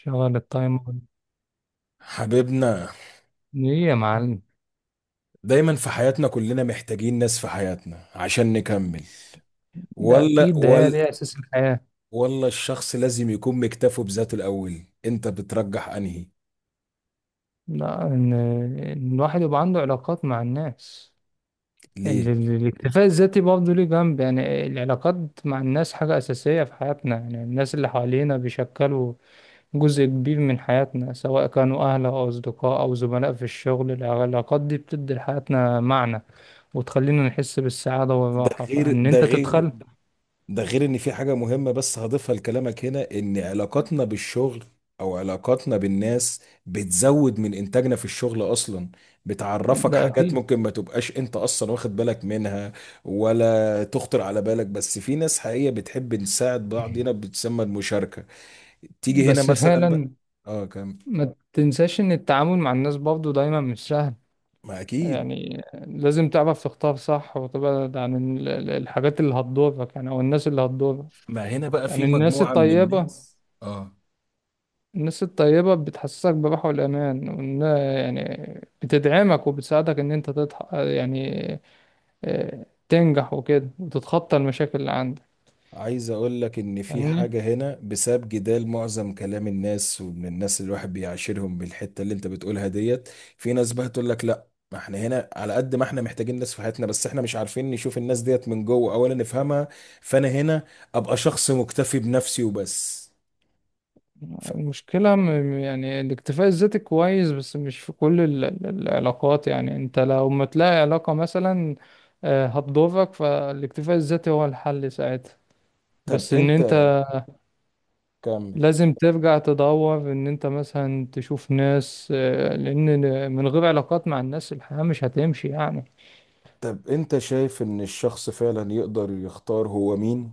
شغل التايمر. حبيبنا، ليه يا معلم؟ دايما في حياتنا كلنا محتاجين ناس في حياتنا عشان نكمل. ده ولا اكيد، ده هي ولا دي اساس الحياة. ولا الشخص لازم يكون مكتفه بذاته؟ الأول انت بترجح انهي، لا، إن الواحد يبقى عنده علاقات مع الناس. ليه؟ الاكتفاء الذاتي برضه ليه جنب، يعني العلاقات مع الناس حاجة أساسية في حياتنا، يعني الناس اللي حوالينا بيشكلوا جزء كبير من حياتنا، سواء كانوا أهل أو أصدقاء أو زملاء في الشغل. العلاقات دي بتدي لحياتنا معنى وتخلينا نحس بالسعادة ده والراحة، غير فإن ده أنت غير تتخلى. ده غير ان في حاجة مهمة بس هضيفها لكلامك هنا، ان علاقاتنا بالشغل او علاقاتنا بالناس بتزود من انتاجنا في الشغل اصلا، بتعرفك ده حاجات أكيد. ممكن ما تبقاش انت اصلا واخد بالك منها ولا تخطر على بالك. بس في ناس حقيقية بتحب نساعد بعض، هنا بتسمى المشاركة. تيجي هنا بس مثلا بقى، فعلا اه كم. ما تنساش ان التعامل مع الناس برضه دايما مش سهل، ما اكيد، يعني لازم تعرف تختار صح وتبعد عن الحاجات اللي هتضرك، يعني او الناس اللي هتضرك. ما هنا بقى في يعني الناس مجموعة من الطيبة، الناس، اه. الناس الطيبة بتحسسك براحة والأمان وإن، يعني بتدعمك وبتساعدك إن أنت تضح، يعني تنجح وكده وتتخطى المشاكل اللي عندك. عايز اقول لك ان في فاهمني؟ حاجة هنا بسبب جدال معظم كلام الناس ومن الناس اللي الواحد بيعاشرهم بالحتة اللي انت بتقولها ديت. في ناس بقى تقول لك لا، ما احنا هنا على قد ما احنا محتاجين ناس في حياتنا، بس احنا مش عارفين نشوف الناس ديت من جوه اولا نفهمها. فانا هنا ابقى شخص مكتفي بنفسي وبس. ف... المشكلة يعني الاكتفاء الذاتي كويس، بس مش في كل العلاقات، يعني انت لو ما تلاقي علاقة مثلا هتضرك، فالاكتفاء الذاتي هو الحل ساعتها. طب بس ان انت، انت كمل. لازم ترجع تدور ان انت مثلا تشوف ناس، لان من غير علاقات مع الناس الحياة مش هتمشي يعني. طب انت شايف ان الشخص فعلا يقدر يختار هو مين؟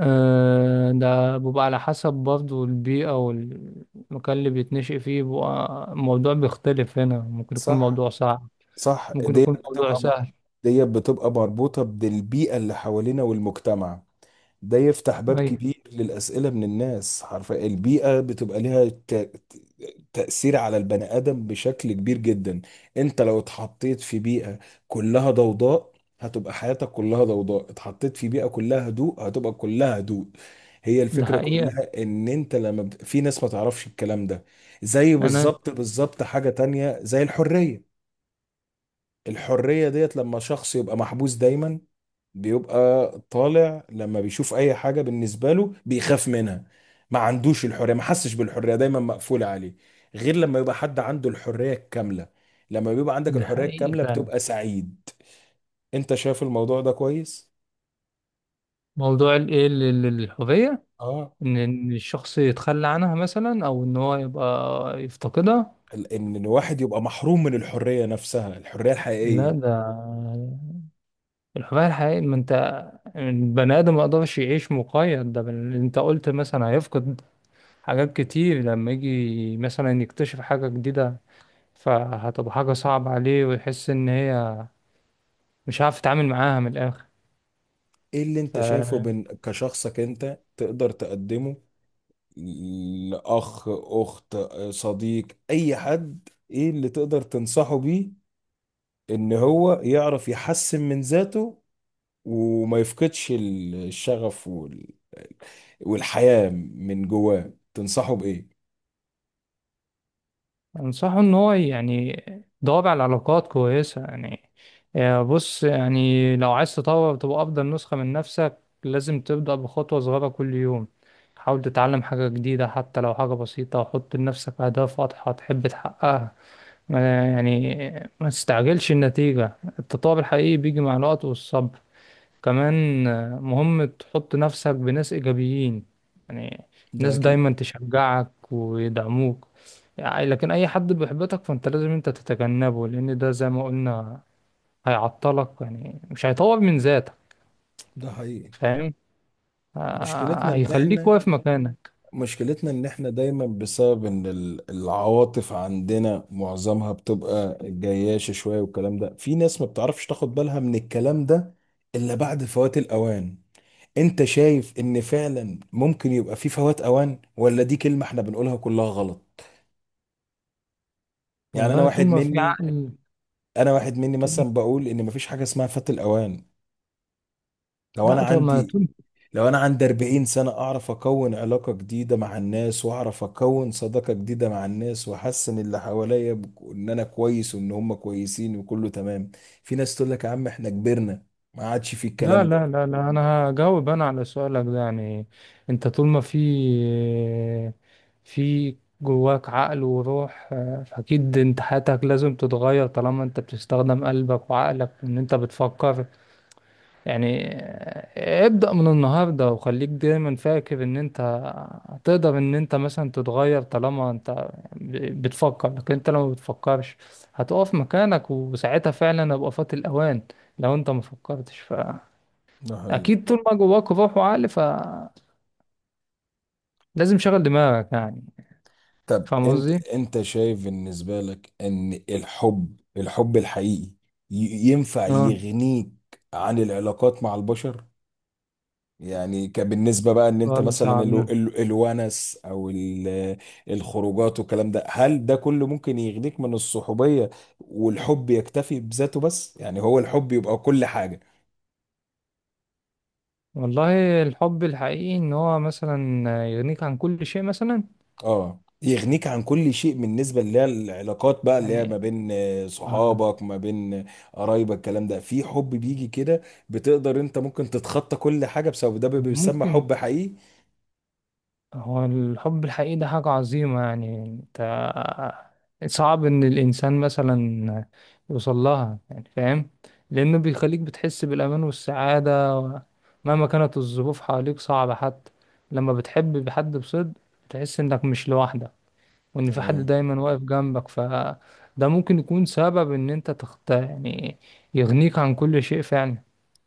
ده بيبقى على حسب برضه البيئة والمكان اللي بيتنشئ فيه، بيبقى الموضوع بيختلف. هنا ممكن يكون صح، موضوع صعب، صح. ممكن ديت يكون موضوع بتبقى سهل. ديت بتبقى مربوطة بالبيئة اللي حوالينا والمجتمع. ده يفتح باب ايوه. كبير للأسئلة من الناس، حرفيا البيئة بتبقى ليها تأثير على البني آدم بشكل كبير جدا. انت لو اتحطيت في بيئة كلها ضوضاء، هتبقى حياتك كلها ضوضاء، اتحطيت في بيئة كلها هدوء هتبقى كلها هدوء. هي ده الفكرة حقيقة. كلها ان انت لما بت... في ناس ما تعرفش الكلام ده. زي انا بالظبط حاجة تانية زي الحرية. الحرية ديت لما شخص يبقى محبوس دايما، بيبقى طالع لما بيشوف اي حاجة بالنسبة له بيخاف منها، ما عندوش الحرية، ما حسش بالحرية، دايما مقفولة عليه. غير لما يبقى حد عنده الحرية الكاملة. لما بيبقى عندك ده الحرية حقيقي الكاملة فعلا. بتبقى سعيد. انت شايف الموضوع ده كويس؟ موضوع الهوية، اه. إن الشخص يتخلى عنها مثلا او ان هو يبقى يفتقدها. ان الواحد يبقى محروم من الحرية نفسها، الحرية لا، الحقيقية. ده الهوية الحقيقية، ما انت البني ادم ما يقدرش يعيش مقيد، ده بل انت قلت مثلا هيفقد حاجات كتير لما يجي مثلا يكتشف حاجة جديدة، فهتبقى حاجة صعبة عليه ويحس ان هي مش عارف يتعامل معاها من الاخر. ايه اللي انت شايفه من كشخصك انت تقدر تقدمه لأخ، أخت، صديق، أي حد؟ إيه اللي تقدر تنصحه بيه إن هو يعرف يحسن من ذاته، وما يفقدش الشغف والحياة من جواه؟ تنصحه بإيه؟ أنصحه إن هو يعني يدور على علاقات كويسة، يعني بص، يعني لو عايز تطور تبقى أفضل نسخة من نفسك، لازم تبدأ بخطوة صغيرة كل يوم. حاول تتعلم حاجة جديدة حتى لو حاجة بسيطة، حط لنفسك أهداف واضحة تحب تحققها. ما يعني، ما تستعجلش النتيجة، التطور الحقيقي بيجي مع الوقت والصبر. كمان مهم تحط نفسك بناس إيجابيين، يعني ده ناس اكيد. دايما تشجعك ويدعموك، يعني لكن أي حد بيحبطك فأنت لازم أنت تتجنبه، لأن ده زي ما قلنا هيعطلك يعني، مش هيطور من ذاتك. ده حقيقي. فاهم. مشكلتنا ان هيخليك احنا واقف مكانك. مشكلتنا ان احنا دايما بسبب ان العواطف عندنا معظمها بتبقى جياشة شوية، والكلام ده في ناس ما بتعرفش تاخد بالها من الكلام ده الا بعد فوات الاوان. انت شايف ان فعلا ممكن يبقى في فوات اوان، ولا دي كلمة احنا بنقولها كلها غلط؟ يعني انا والله طول واحد ما في مني عقل. انا واحد مني طول مثلا بقول ان مفيش حاجة اسمها فات الاوان. لو انا لا، طب ما عندي طول. لو انا عندي 40 سنة اعرف اكون علاقة جديدة مع الناس، واعرف اكون صداقة جديدة مع الناس، واحسن اللي حواليا بك- ان انا كويس وان هم كويسين وكله تمام. في ناس تقول لك يا عم احنا كبرنا، ما عادش في لا الكلام ده. لا لا لا، انا هجاوب انا على سؤالك ده يعني، انت طول ما في في جواك عقل وروح، فاكيد انت حياتك لازم تتغير طالما انت بتستخدم قلبك وعقلك، ان انت بتفكر يعني. ابدأ من النهاردة وخليك دايما فاكر ان انت هتقدر ان انت مثلا تتغير طالما انت بتفكر، لكن انت لو ما بتفكرش هتقف مكانك وساعتها فعلا هيبقى فات الاوان، لو انت ما فكرتش. ده حقيقي. اكيد طول ما جواك روح وعقل فلازم شغل دماغك يعني. طب فاهم انت قصدي. انت شايف بالنسبة لك ان الحب، الحب الحقيقي، ينفع اه، يغنيك عن العلاقات مع البشر؟ يعني كبالنسبة بقى ان انت سؤال مثلا صعب ده. الونس او الخروجات والكلام ده، هل ده كله ممكن يغنيك من الصحوبية، والحب يكتفي بذاته؟ بس يعني هو الحب يبقى كل حاجة. والله الحب الحقيقي ان هو مثلا يغنيك عن كل شيء مثلا. اه يغنيك عن كل شيء، بالنسبه اللي هي العلاقات بقى اللي هي ما يعني بين آه، صحابك، ما بين قرايبك، الكلام ده. في حب بيجي كده بتقدر، انت ممكن تتخطى كل حاجه بسبب ده، بيسمى ممكن. حب حقيقي. هو الحب الحقيقي ده حاجة عظيمة، يعني انت صعب ان الانسان مثلا يوصل لها يعني، فاهم. لانه بيخليك بتحس بالامان والسعادة مهما كانت الظروف حواليك صعبة، حتى لما بتحب حد بصدق بتحس انك مش لوحدك، وان في حد تمام. دايما واقف جنبك، فده ممكن يكون سبب ان انت تخت يعني، يغنيك عن كل شيء فعلا.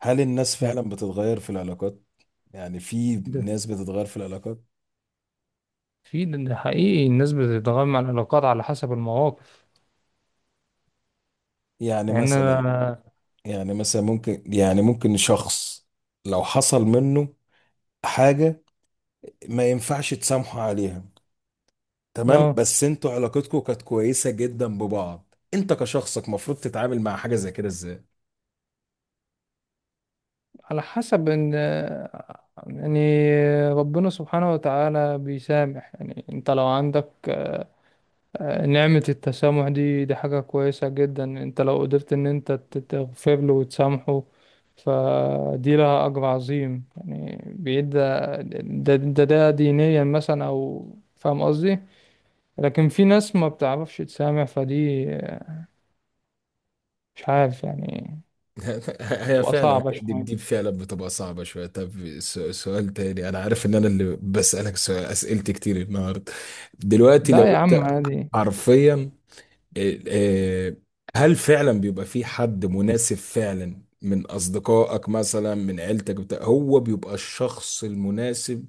هل الناس فعلا بتتغير في العلاقات؟ يعني في ده ناس بتتغير في العلاقات؟ في، ده ده حقيقي، الناس بتتغير مع العلاقات على حسب المواقف، يعني يعني مثلا، انا. يعني مثلا ممكن، يعني ممكن شخص لو حصل منه حاجه ما ينفعش تسامحه عليها، تمام، اه. بس انتوا علاقتكم كانت كويسه جدا ببعض، انت كشخصك مفروض تتعامل مع حاجه زي كده ازاي؟ على حسب ان، يعني ربنا سبحانه وتعالى بيسامح. يعني انت لو عندك نعمة التسامح، دي دي حاجة كويسة جدا. انت لو قدرت ان انت تغفر له وتسامحه فدي لها أجر عظيم، يعني بيدى ده دينيا مثلا أو، فاهم قصدي. لكن في ناس ما بتعرفش تسامح، فدي مش عارف يعني، هي بتبقى فعلا صعبة دي شوية. دي فعلا بتبقى صعبة شوية. طب سؤال تاني، أنا عارف إن أنا اللي بسألك سؤال، أسئلتي كتير النهاردة. دلوقتي لو لا يا عم أنت عادي. حرفيا، آه، آه، هل فعلا بيبقى في حد مناسب فعلا من أصدقائك مثلا، من عيلتك بتاع، هو بيبقى الشخص المناسب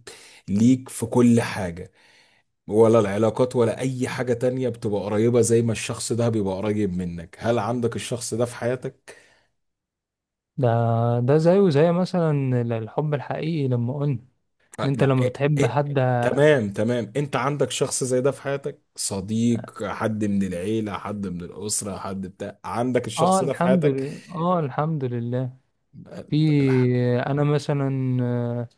ليك في كل حاجة، ولا العلاقات ولا أي حاجة تانية بتبقى قريبة زي ما الشخص ده بيبقى قريب منك؟ هل عندك الشخص ده في حياتك؟ ده، ده زيه زي مثلا الحب الحقيقي لما قلنا ان آه، انت لا، لما إيه بتحب إيه. حد. تمام تمام، أنت عندك شخص زي ده في حياتك؟ صديق، حد من العيلة، حد من الأسرة، حد بتاع، عندك اه الشخص ده في الحمد حياتك؟ لله، اه الحمد لله. آه، في. لا. انا مثلا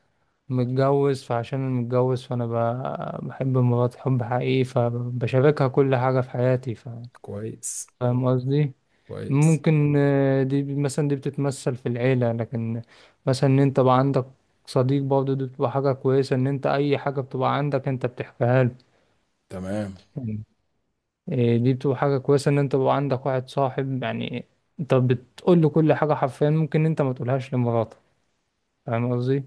متجوز، فعشان انا متجوز فانا بحب مراتي حب حقيقي، فبشاركها كل حاجة في حياتي كويس فاهم قصدي. كويس. ممكن دي مثلا دي بتتمثل في العيلة، لكن مثلا ان انت بقى عندك صديق برضه دي بتبقى حاجة كويسة، ان انت اي حاجة بتبقى عندك انت بتحكيها تمام. له. إيه، دي بتبقى حاجة كويسة إن أنت يبقى عندك واحد صاحب يعني، أنت بتقول له كل حاجة حرفيا، ممكن أنت ما تقولهاش لمراتك. فاهم قصدي؟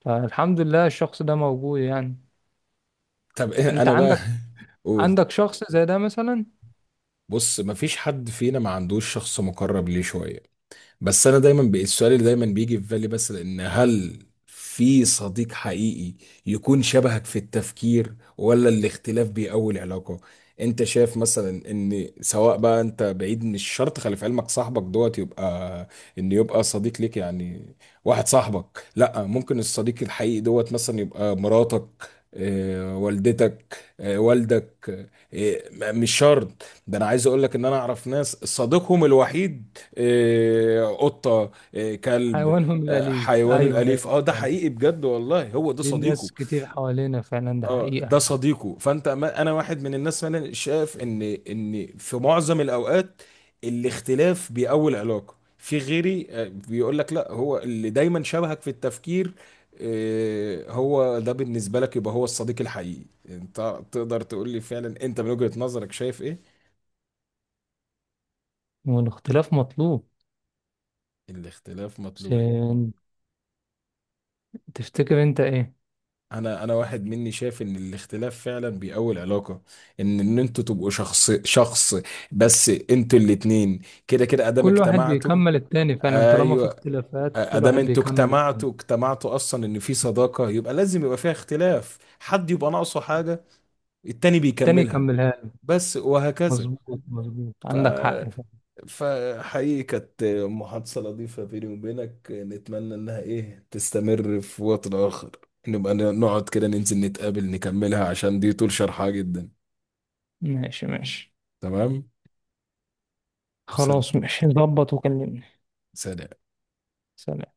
فالحمد لله الشخص ده موجود يعني. طب إيه أنت أنا بقى؟ عندك، قول. عندك شخص زي ده مثلا. بص، مفيش حد فينا ما عندوش شخص مقرب ليه شوية، بس انا دايما السؤال اللي دايما بيجي في بالي بس، ان هل في صديق حقيقي يكون شبهك في التفكير، ولا الاختلاف بيقوي العلاقة؟ انت شايف مثلا ان سواء بقى انت بعيد، مش شرط خلي في علمك صاحبك دوت يبقى ان يبقى صديق ليك يعني، واحد صاحبك، لا ممكن الصديق الحقيقي دوت مثلا يبقى مراتك، آه، والدتك، آه، والدك، آه، مش شرط ده. انا عايز اقول لك ان انا اعرف ناس صديقهم الوحيد إيه، قطة، إيه، كلب. حيوانهم آه، الأليف، حيوانه أيوه الأليف، أيوه اه ده يعني. حقيقي بجد والله، هو ده دي صديقه. ناس كتير حوالينا فعلا، ده اه ده حقيقة. صديقه. فانت، ما انا واحد من الناس فعلا شايف ان ان في معظم الاوقات الاختلاف بيقوي العلاقة. في غيري آه، بيقول لك لا، هو اللي دايما شبهك في التفكير آه، هو ده بالنسبة لك يبقى هو الصديق الحقيقي. انت تقدر تقول لي فعلا انت من وجهة نظرك شايف ايه؟ والاختلاف مطلوب. الاختلاف مطلوب. بس تفتكر أنت إيه؟ انا واحد مني شايف ان الاختلاف فعلا بيقوي العلاقه. ان ان انتوا تبقوا شخص، بس انتوا الاتنين كده كده ادام كل واحد اجتمعتوا. بيكمل التاني فعلا، طالما في ايوه، اختلافات كل ادام واحد انتوا بيكمل التاني. اجتمعتوا اجتمعتوا اصلا، ان في صداقه يبقى لازم يبقى فيها اختلاف، حد يبقى ناقصه حاجه التاني التاني بيكملها، يكملها له. بس وهكذا. مظبوط مظبوط، ف، عندك حق فعلا. فحقيقي كانت محادثة لطيفة بيني وبينك، نتمنى إنها إيه تستمر في وقت آخر، نبقى نقعد كده، ننزل نتقابل نكملها، عشان دي طول شرحها جدا. ماشي ماشي. تمام. سلام. خلاص ماشي، ظبط وكلمني. سلام. سلام.